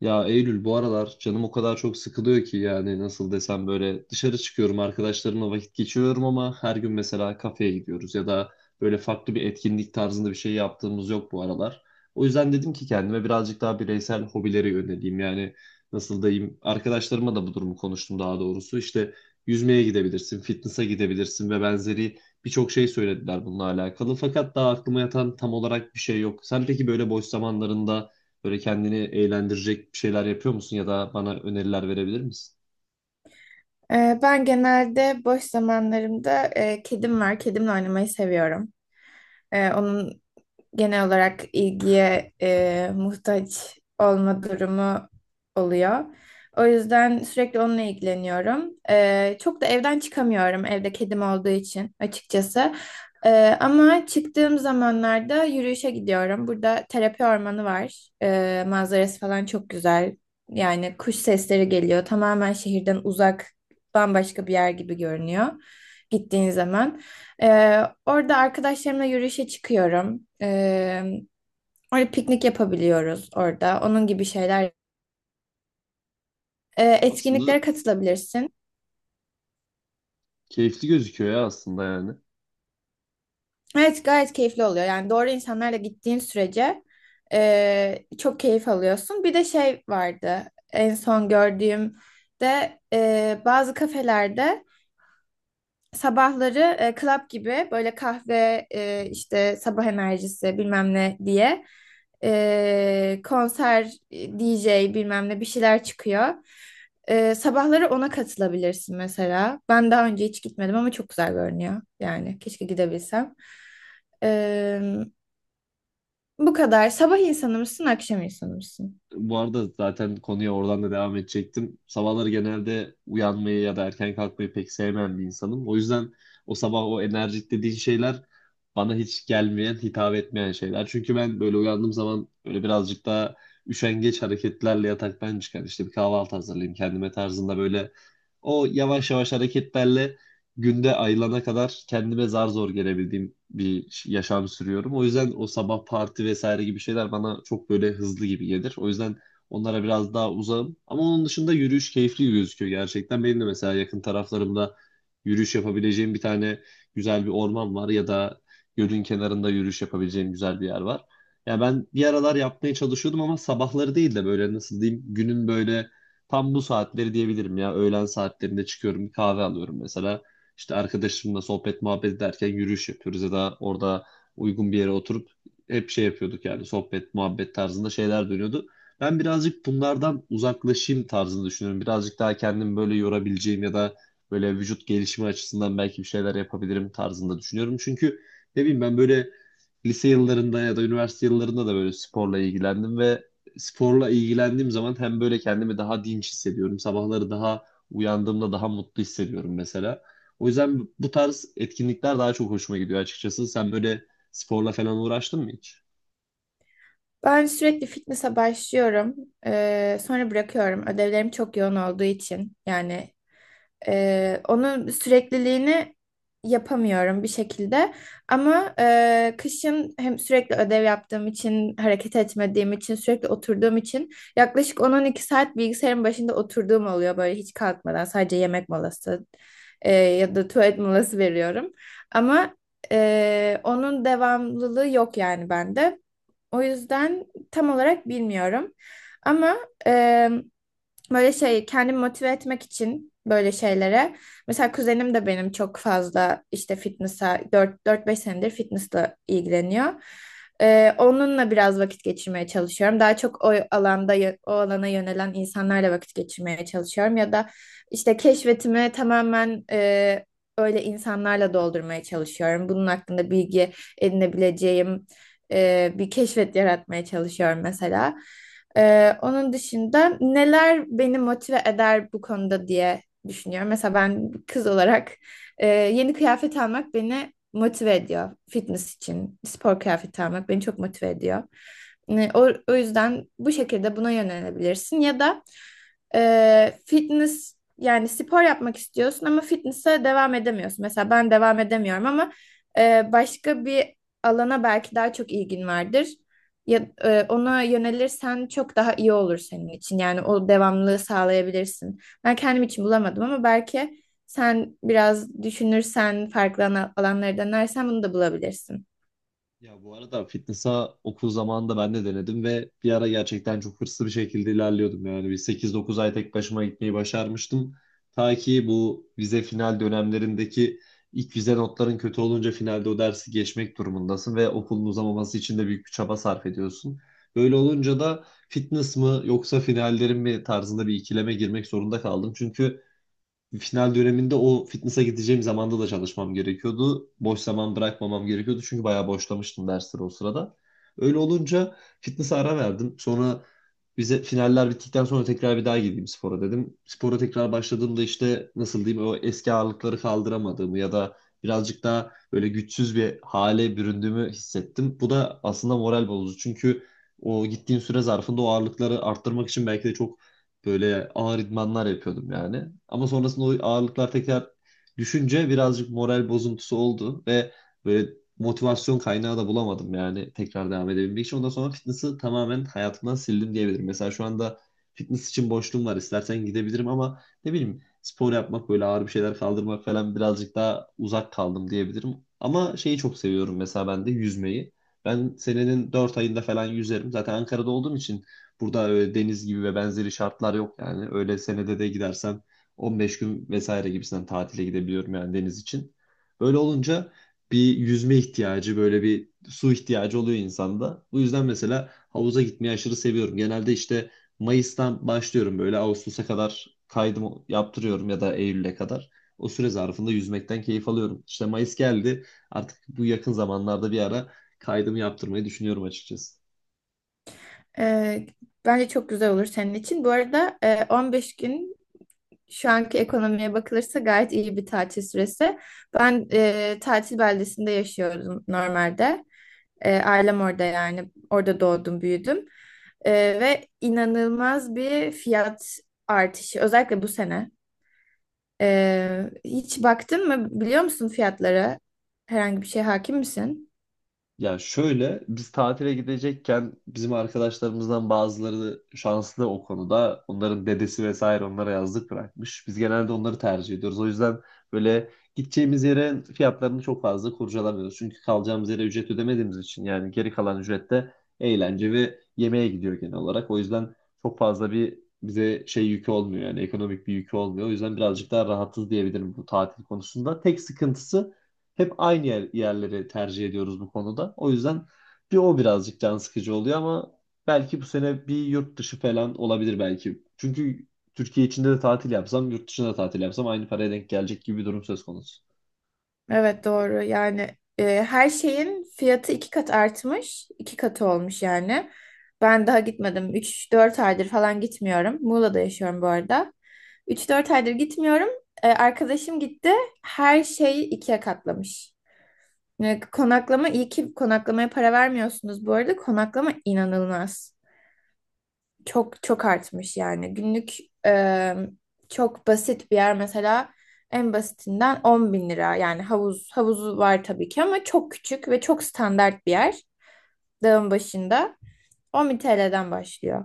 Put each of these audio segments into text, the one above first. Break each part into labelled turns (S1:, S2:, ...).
S1: Ya Eylül bu aralar canım o kadar çok sıkılıyor ki, yani nasıl desem, böyle dışarı çıkıyorum, arkadaşlarımla vakit geçiriyorum ama her gün mesela kafeye gidiyoruz ya da böyle farklı bir etkinlik tarzında bir şey yaptığımız yok bu aralar. O yüzden dedim ki kendime, birazcık daha bireysel hobilere yöneleyim. Yani nasıl diyeyim, arkadaşlarıma da bu durumu konuştum, daha doğrusu işte yüzmeye gidebilirsin, fitness'a gidebilirsin ve benzeri birçok şey söylediler bununla alakalı, fakat daha aklıma yatan tam olarak bir şey yok. Sen peki böyle boş zamanlarında böyle kendini eğlendirecek bir şeyler yapıyor musun ya da bana öneriler verebilir misin?
S2: Ben genelde boş zamanlarımda kedim var. Kedimle oynamayı seviyorum. Onun genel olarak ilgiye muhtaç olma durumu oluyor. O yüzden sürekli onunla ilgileniyorum. Çok da evden çıkamıyorum evde kedim olduğu için açıkçası. Ama çıktığım zamanlarda yürüyüşe gidiyorum. Burada terapi ormanı var. Manzarası falan çok güzel. Yani kuş sesleri geliyor. Tamamen şehirden uzak, bambaşka bir yer gibi görünüyor gittiğin zaman. Orada arkadaşlarımla yürüyüşe çıkıyorum. Orada piknik yapabiliyoruz orada. Onun gibi şeyler.
S1: Aslında
S2: Etkinliklere katılabilirsin.
S1: keyifli gözüküyor ya aslında yani.
S2: Evet, gayet keyifli oluyor. Yani doğru insanlarla gittiğin sürece çok keyif alıyorsun. Bir de şey vardı, en son gördüğümde bazı kafelerde sabahları club gibi böyle kahve, işte sabah enerjisi bilmem ne diye, konser, DJ bilmem ne bir şeyler çıkıyor. Sabahları ona katılabilirsin mesela. Ben daha önce hiç gitmedim ama çok güzel görünüyor. Yani keşke gidebilsem. E, Bu kadar. Sabah insanı mısın, akşam insanı mısın?
S1: Bu arada zaten konuya oradan da devam edecektim. Sabahları genelde uyanmayı ya da erken kalkmayı pek sevmeyen bir insanım. O yüzden o sabah o enerjik dediğin şeyler bana hiç gelmeyen, hitap etmeyen şeyler. Çünkü ben böyle uyandığım zaman böyle birazcık daha üşengeç hareketlerle yataktan çıkan, işte bir kahvaltı hazırlayayım kendime tarzında, böyle o yavaş yavaş hareketlerle günde ayılana kadar kendime zar zor gelebildiğim bir yaşam sürüyorum. O yüzden o sabah parti vesaire gibi şeyler bana çok böyle hızlı gibi gelir. O yüzden onlara biraz daha uzağım. Ama onun dışında yürüyüş keyifli gözüküyor gerçekten. Benim de mesela yakın taraflarımda yürüyüş yapabileceğim bir tane güzel bir orman var ya da gölün kenarında yürüyüş yapabileceğim güzel bir yer var. Ya ben bir aralar yapmaya çalışıyordum ama sabahları değil de böyle nasıl diyeyim, günün böyle tam bu saatleri diyebilirim ya. Öğlen saatlerinde çıkıyorum, bir kahve alıyorum mesela. İşte arkadaşımla sohbet muhabbet ederken yürüyüş yapıyoruz ya da orada uygun bir yere oturup hep şey yapıyorduk, yani sohbet muhabbet tarzında şeyler dönüyordu. Ben birazcık bunlardan uzaklaşayım tarzını düşünüyorum. Birazcık daha kendimi böyle yorabileceğim ya da böyle vücut gelişimi açısından belki bir şeyler yapabilirim tarzında düşünüyorum. Çünkü ne bileyim, ben böyle lise yıllarında ya da üniversite yıllarında da böyle sporla ilgilendim ve sporla ilgilendiğim zaman hem böyle kendimi daha dinç hissediyorum. Sabahları daha uyandığımda daha mutlu hissediyorum mesela. O yüzden bu tarz etkinlikler daha çok hoşuma gidiyor açıkçası. Sen böyle sporla falan uğraştın mı hiç?
S2: Ben sürekli fitness'a başlıyorum. Sonra bırakıyorum. Ödevlerim çok yoğun olduğu için. Yani onun sürekliliğini yapamıyorum bir şekilde. Ama kışın hem sürekli ödev yaptığım için, hareket etmediğim için, sürekli oturduğum için yaklaşık 10-12 saat bilgisayarın başında oturduğum oluyor böyle hiç kalkmadan. Sadece yemek molası ya da tuvalet molası veriyorum. Ama onun devamlılığı yok yani bende. O yüzden tam olarak bilmiyorum. Ama... E, Böyle şey kendimi motive etmek için böyle şeylere. Mesela kuzenim de benim çok fazla işte fitness'a dört beş senedir fitness'la ilgileniyor. Onunla biraz vakit geçirmeye çalışıyorum. Daha çok o alanda o alana yönelen insanlarla vakit geçirmeye çalışıyorum. Ya da işte keşfetimi tamamen öyle insanlarla doldurmaya çalışıyorum. Bunun hakkında bilgi edinebileceğim bir keşfet yaratmaya çalışıyorum mesela. Onun dışında neler beni motive eder bu konuda diye düşünüyorum. Mesela ben bir kız olarak yeni kıyafet almak beni motive ediyor. Fitness için spor kıyafeti almak beni çok motive ediyor. Yani o yüzden bu şekilde buna yönelebilirsin. Ya da fitness yani spor yapmak istiyorsun ama fitness'e devam edemiyorsun. Mesela ben devam edemiyorum ama başka bir alana belki daha çok ilgin vardır. Ya, ona yönelirsen çok daha iyi olur senin için. Yani o devamlılığı sağlayabilirsin. Ben kendim için bulamadım ama belki sen biraz düşünürsen, farklı alanları denersen bunu da bulabilirsin.
S1: Ya bu arada fitness'a okul zamanında ben de denedim ve bir ara gerçekten çok hırslı bir şekilde ilerliyordum. Yani bir 8-9 ay tek başıma gitmeyi başarmıştım. Ta ki bu vize final dönemlerindeki ilk vize notların kötü olunca finalde o dersi geçmek durumundasın ve okulun uzamaması için de büyük bir çaba sarf ediyorsun. Böyle olunca da fitness mı yoksa finallerin mi tarzında bir ikileme girmek zorunda kaldım. Çünkü final döneminde o fitness'a gideceğim zamanda da çalışmam gerekiyordu. Boş zaman bırakmamam gerekiyordu, çünkü bayağı boşlamıştım dersleri o sırada. Öyle olunca fitness'a ara verdim. Sonra bize finaller bittikten sonra tekrar bir daha gideyim spora dedim. Spora tekrar başladığımda işte nasıl diyeyim, o eski ağırlıkları kaldıramadığımı ya da birazcık daha böyle güçsüz bir hale büründüğümü hissettim. Bu da aslında moral bozucu, çünkü o gittiğim süre zarfında o ağırlıkları arttırmak için belki de çok böyle ağır idmanlar yapıyordum yani. Ama sonrasında o ağırlıklar tekrar düşünce birazcık moral bozuntusu oldu ve böyle motivasyon kaynağı da bulamadım yani tekrar devam edebilmek için. Ondan sonra fitness'ı tamamen hayatımdan sildim diyebilirim. Mesela şu anda fitness için boşluğum var. İstersen gidebilirim ama ne bileyim, spor yapmak, böyle ağır bir şeyler kaldırmak falan, birazcık daha uzak kaldım diyebilirim. Ama şeyi çok seviyorum mesela ben de, yüzmeyi. Ben senenin 4 ayında falan yüzerim. Zaten Ankara'da olduğum için burada öyle deniz gibi ve benzeri şartlar yok yani. Öyle senede de gidersen 15 gün vesaire gibisinden tatile gidebiliyorum yani deniz için. Böyle olunca bir yüzme ihtiyacı, böyle bir su ihtiyacı oluyor insanda. Bu yüzden mesela havuza gitmeyi aşırı seviyorum. Genelde işte Mayıs'tan başlıyorum, böyle Ağustos'a kadar kaydımı yaptırıyorum ya da Eylül'e kadar. O süre zarfında yüzmekten keyif alıyorum. İşte Mayıs geldi. Artık bu yakın zamanlarda bir ara kaydımı yaptırmayı düşünüyorum açıkçası.
S2: E, Bence çok güzel olur senin için. Bu arada 15 gün şu anki ekonomiye bakılırsa gayet iyi bir tatil süresi. Ben tatil beldesinde yaşıyordum normalde. Ailem orada yani. Orada doğdum, büyüdüm. Ee, Ve inanılmaz bir fiyat artışı. Özellikle bu sene. Hiç baktın mı? Biliyor musun fiyatlara? Herhangi bir şeye hakim misin?
S1: Ya şöyle, biz tatile gidecekken bizim arkadaşlarımızdan bazıları şanslı o konuda. Onların dedesi vesaire onlara yazlık bırakmış. Biz genelde onları tercih ediyoruz. O yüzden böyle gideceğimiz yere fiyatlarını çok fazla kurcalamıyoruz. Çünkü kalacağımız yere ücret ödemediğimiz için yani geri kalan ücret de eğlence ve yemeğe gidiyor genel olarak. O yüzden çok fazla bir bize şey yükü olmuyor, yani ekonomik bir yükü olmuyor. O yüzden birazcık daha rahatız diyebilirim bu tatil konusunda. Tek sıkıntısı hep aynı yer, yerleri tercih ediyoruz bu konuda. O yüzden bir o birazcık can sıkıcı oluyor ama belki bu sene bir yurt dışı falan olabilir belki. Çünkü Türkiye içinde de tatil yapsam, yurt dışında da tatil yapsam aynı paraya denk gelecek gibi bir durum söz konusu.
S2: Evet, doğru yani. E, Her şeyin fiyatı iki kat artmış, iki katı olmuş yani. Ben daha gitmedim, üç dört aydır falan gitmiyorum. Muğla'da yaşıyorum bu arada. Üç dört aydır gitmiyorum. Arkadaşım gitti, her şeyi ikiye katlamış yani. Konaklama, iyi ki konaklamaya para vermiyorsunuz bu arada, konaklama inanılmaz çok çok artmış yani. Günlük, e, çok basit bir yer mesela, en basitinden 10 bin lira. Yani havuzu var tabii ki ama çok küçük ve çok standart bir yer. Dağın başında 10 bin TL'den başlıyor.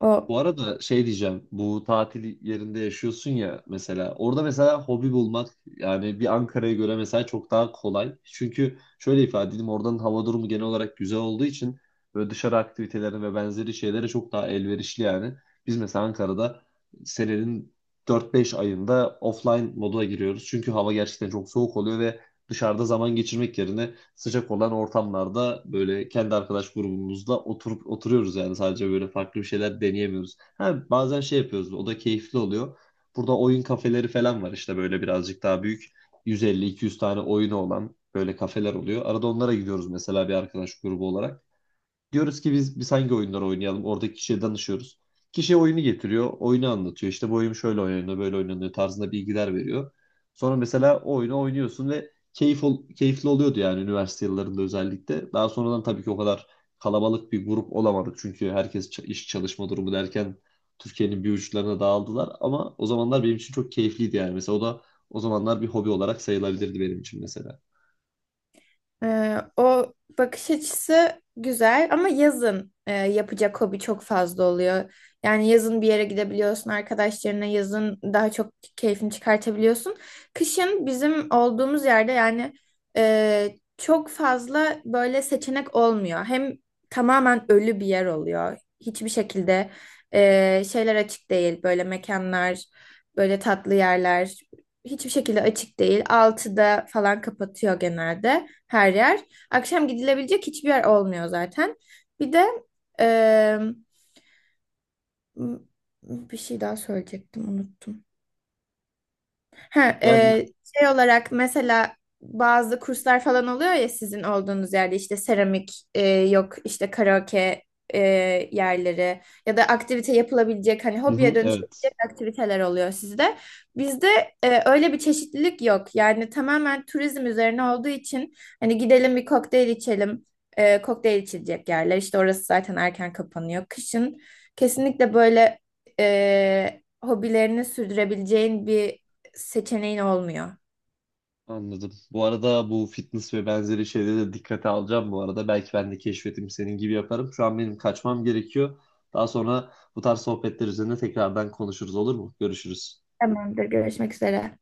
S2: O
S1: Bu arada şey diyeceğim. Bu tatil yerinde yaşıyorsun ya mesela. Orada mesela hobi bulmak yani bir Ankara'ya göre mesela çok daha kolay. Çünkü şöyle ifade edeyim, oradanın hava durumu genel olarak güzel olduğu için böyle dışarı aktivitelerine ve benzeri şeylere çok daha elverişli yani. Biz mesela Ankara'da senenin 4-5 ayında offline moduna giriyoruz. Çünkü hava gerçekten çok soğuk oluyor ve dışarıda zaman geçirmek yerine sıcak olan ortamlarda böyle kendi arkadaş grubumuzda oturup oturuyoruz, yani sadece böyle farklı bir şeyler deneyemiyoruz. Ha, bazen şey yapıyoruz, o da keyifli oluyor. Burada oyun kafeleri falan var, işte böyle birazcık daha büyük, 150-200 tane oyunu olan böyle kafeler oluyor. Arada onlara gidiyoruz mesela bir arkadaş grubu olarak. Diyoruz ki biz hangi oyunları oynayalım? Oradaki kişiye danışıyoruz. Kişi oyunu getiriyor, oyunu anlatıyor. İşte bu oyun şöyle oynanıyor, böyle oynanıyor tarzında bilgiler veriyor. Sonra mesela o oyunu oynuyorsun ve keyifli oluyordu yani, üniversite yıllarında özellikle. Daha sonradan tabii ki o kadar kalabalık bir grup olamadık. Çünkü herkes iş çalışma durumu derken Türkiye'nin bir uçlarına dağıldılar. Ama o zamanlar benim için çok keyifliydi yani. Mesela o da o zamanlar bir hobi olarak sayılabilirdi benim için mesela.
S2: O bakış açısı güzel ama yazın yapacak hobi çok fazla oluyor. Yani yazın bir yere gidebiliyorsun arkadaşlarına, yazın daha çok keyfini çıkartabiliyorsun. Kışın bizim olduğumuz yerde yani çok fazla böyle seçenek olmuyor. Hem tamamen ölü bir yer oluyor. Hiçbir şekilde şeyler açık değil. Böyle mekanlar, böyle tatlı yerler hiçbir şekilde açık değil. 6'da falan kapatıyor genelde her yer. Akşam gidilebilecek hiçbir yer olmuyor zaten. Bir de eee, bir şey daha söyleyecektim, unuttum. Ha,
S1: Yani
S2: şey olarak mesela bazı kurslar falan oluyor ya sizin olduğunuz yerde, işte seramik, yok işte karaoke e, yerleri ya da aktivite yapılabilecek, hani
S1: hı
S2: hobiye
S1: hı,
S2: dönüşebilecek
S1: evet.
S2: aktiviteler oluyor sizde. Bizde öyle bir çeşitlilik yok. Yani tamamen turizm üzerine olduğu için hani, gidelim bir kokteyl içelim. Kokteyl içilecek yerler işte, orası zaten erken kapanıyor. Kışın kesinlikle böyle hobilerini sürdürebileceğin bir seçeneğin olmuyor.
S1: Anladım. Bu arada bu fitness ve benzeri şeyleri de dikkate alacağım bu arada. Belki ben de keşfetim senin gibi yaparım. Şu an benim kaçmam gerekiyor. Daha sonra bu tarz sohbetler üzerine tekrardan konuşuruz, olur mu? Görüşürüz.
S2: Tamamdır. Görüşmek üzere.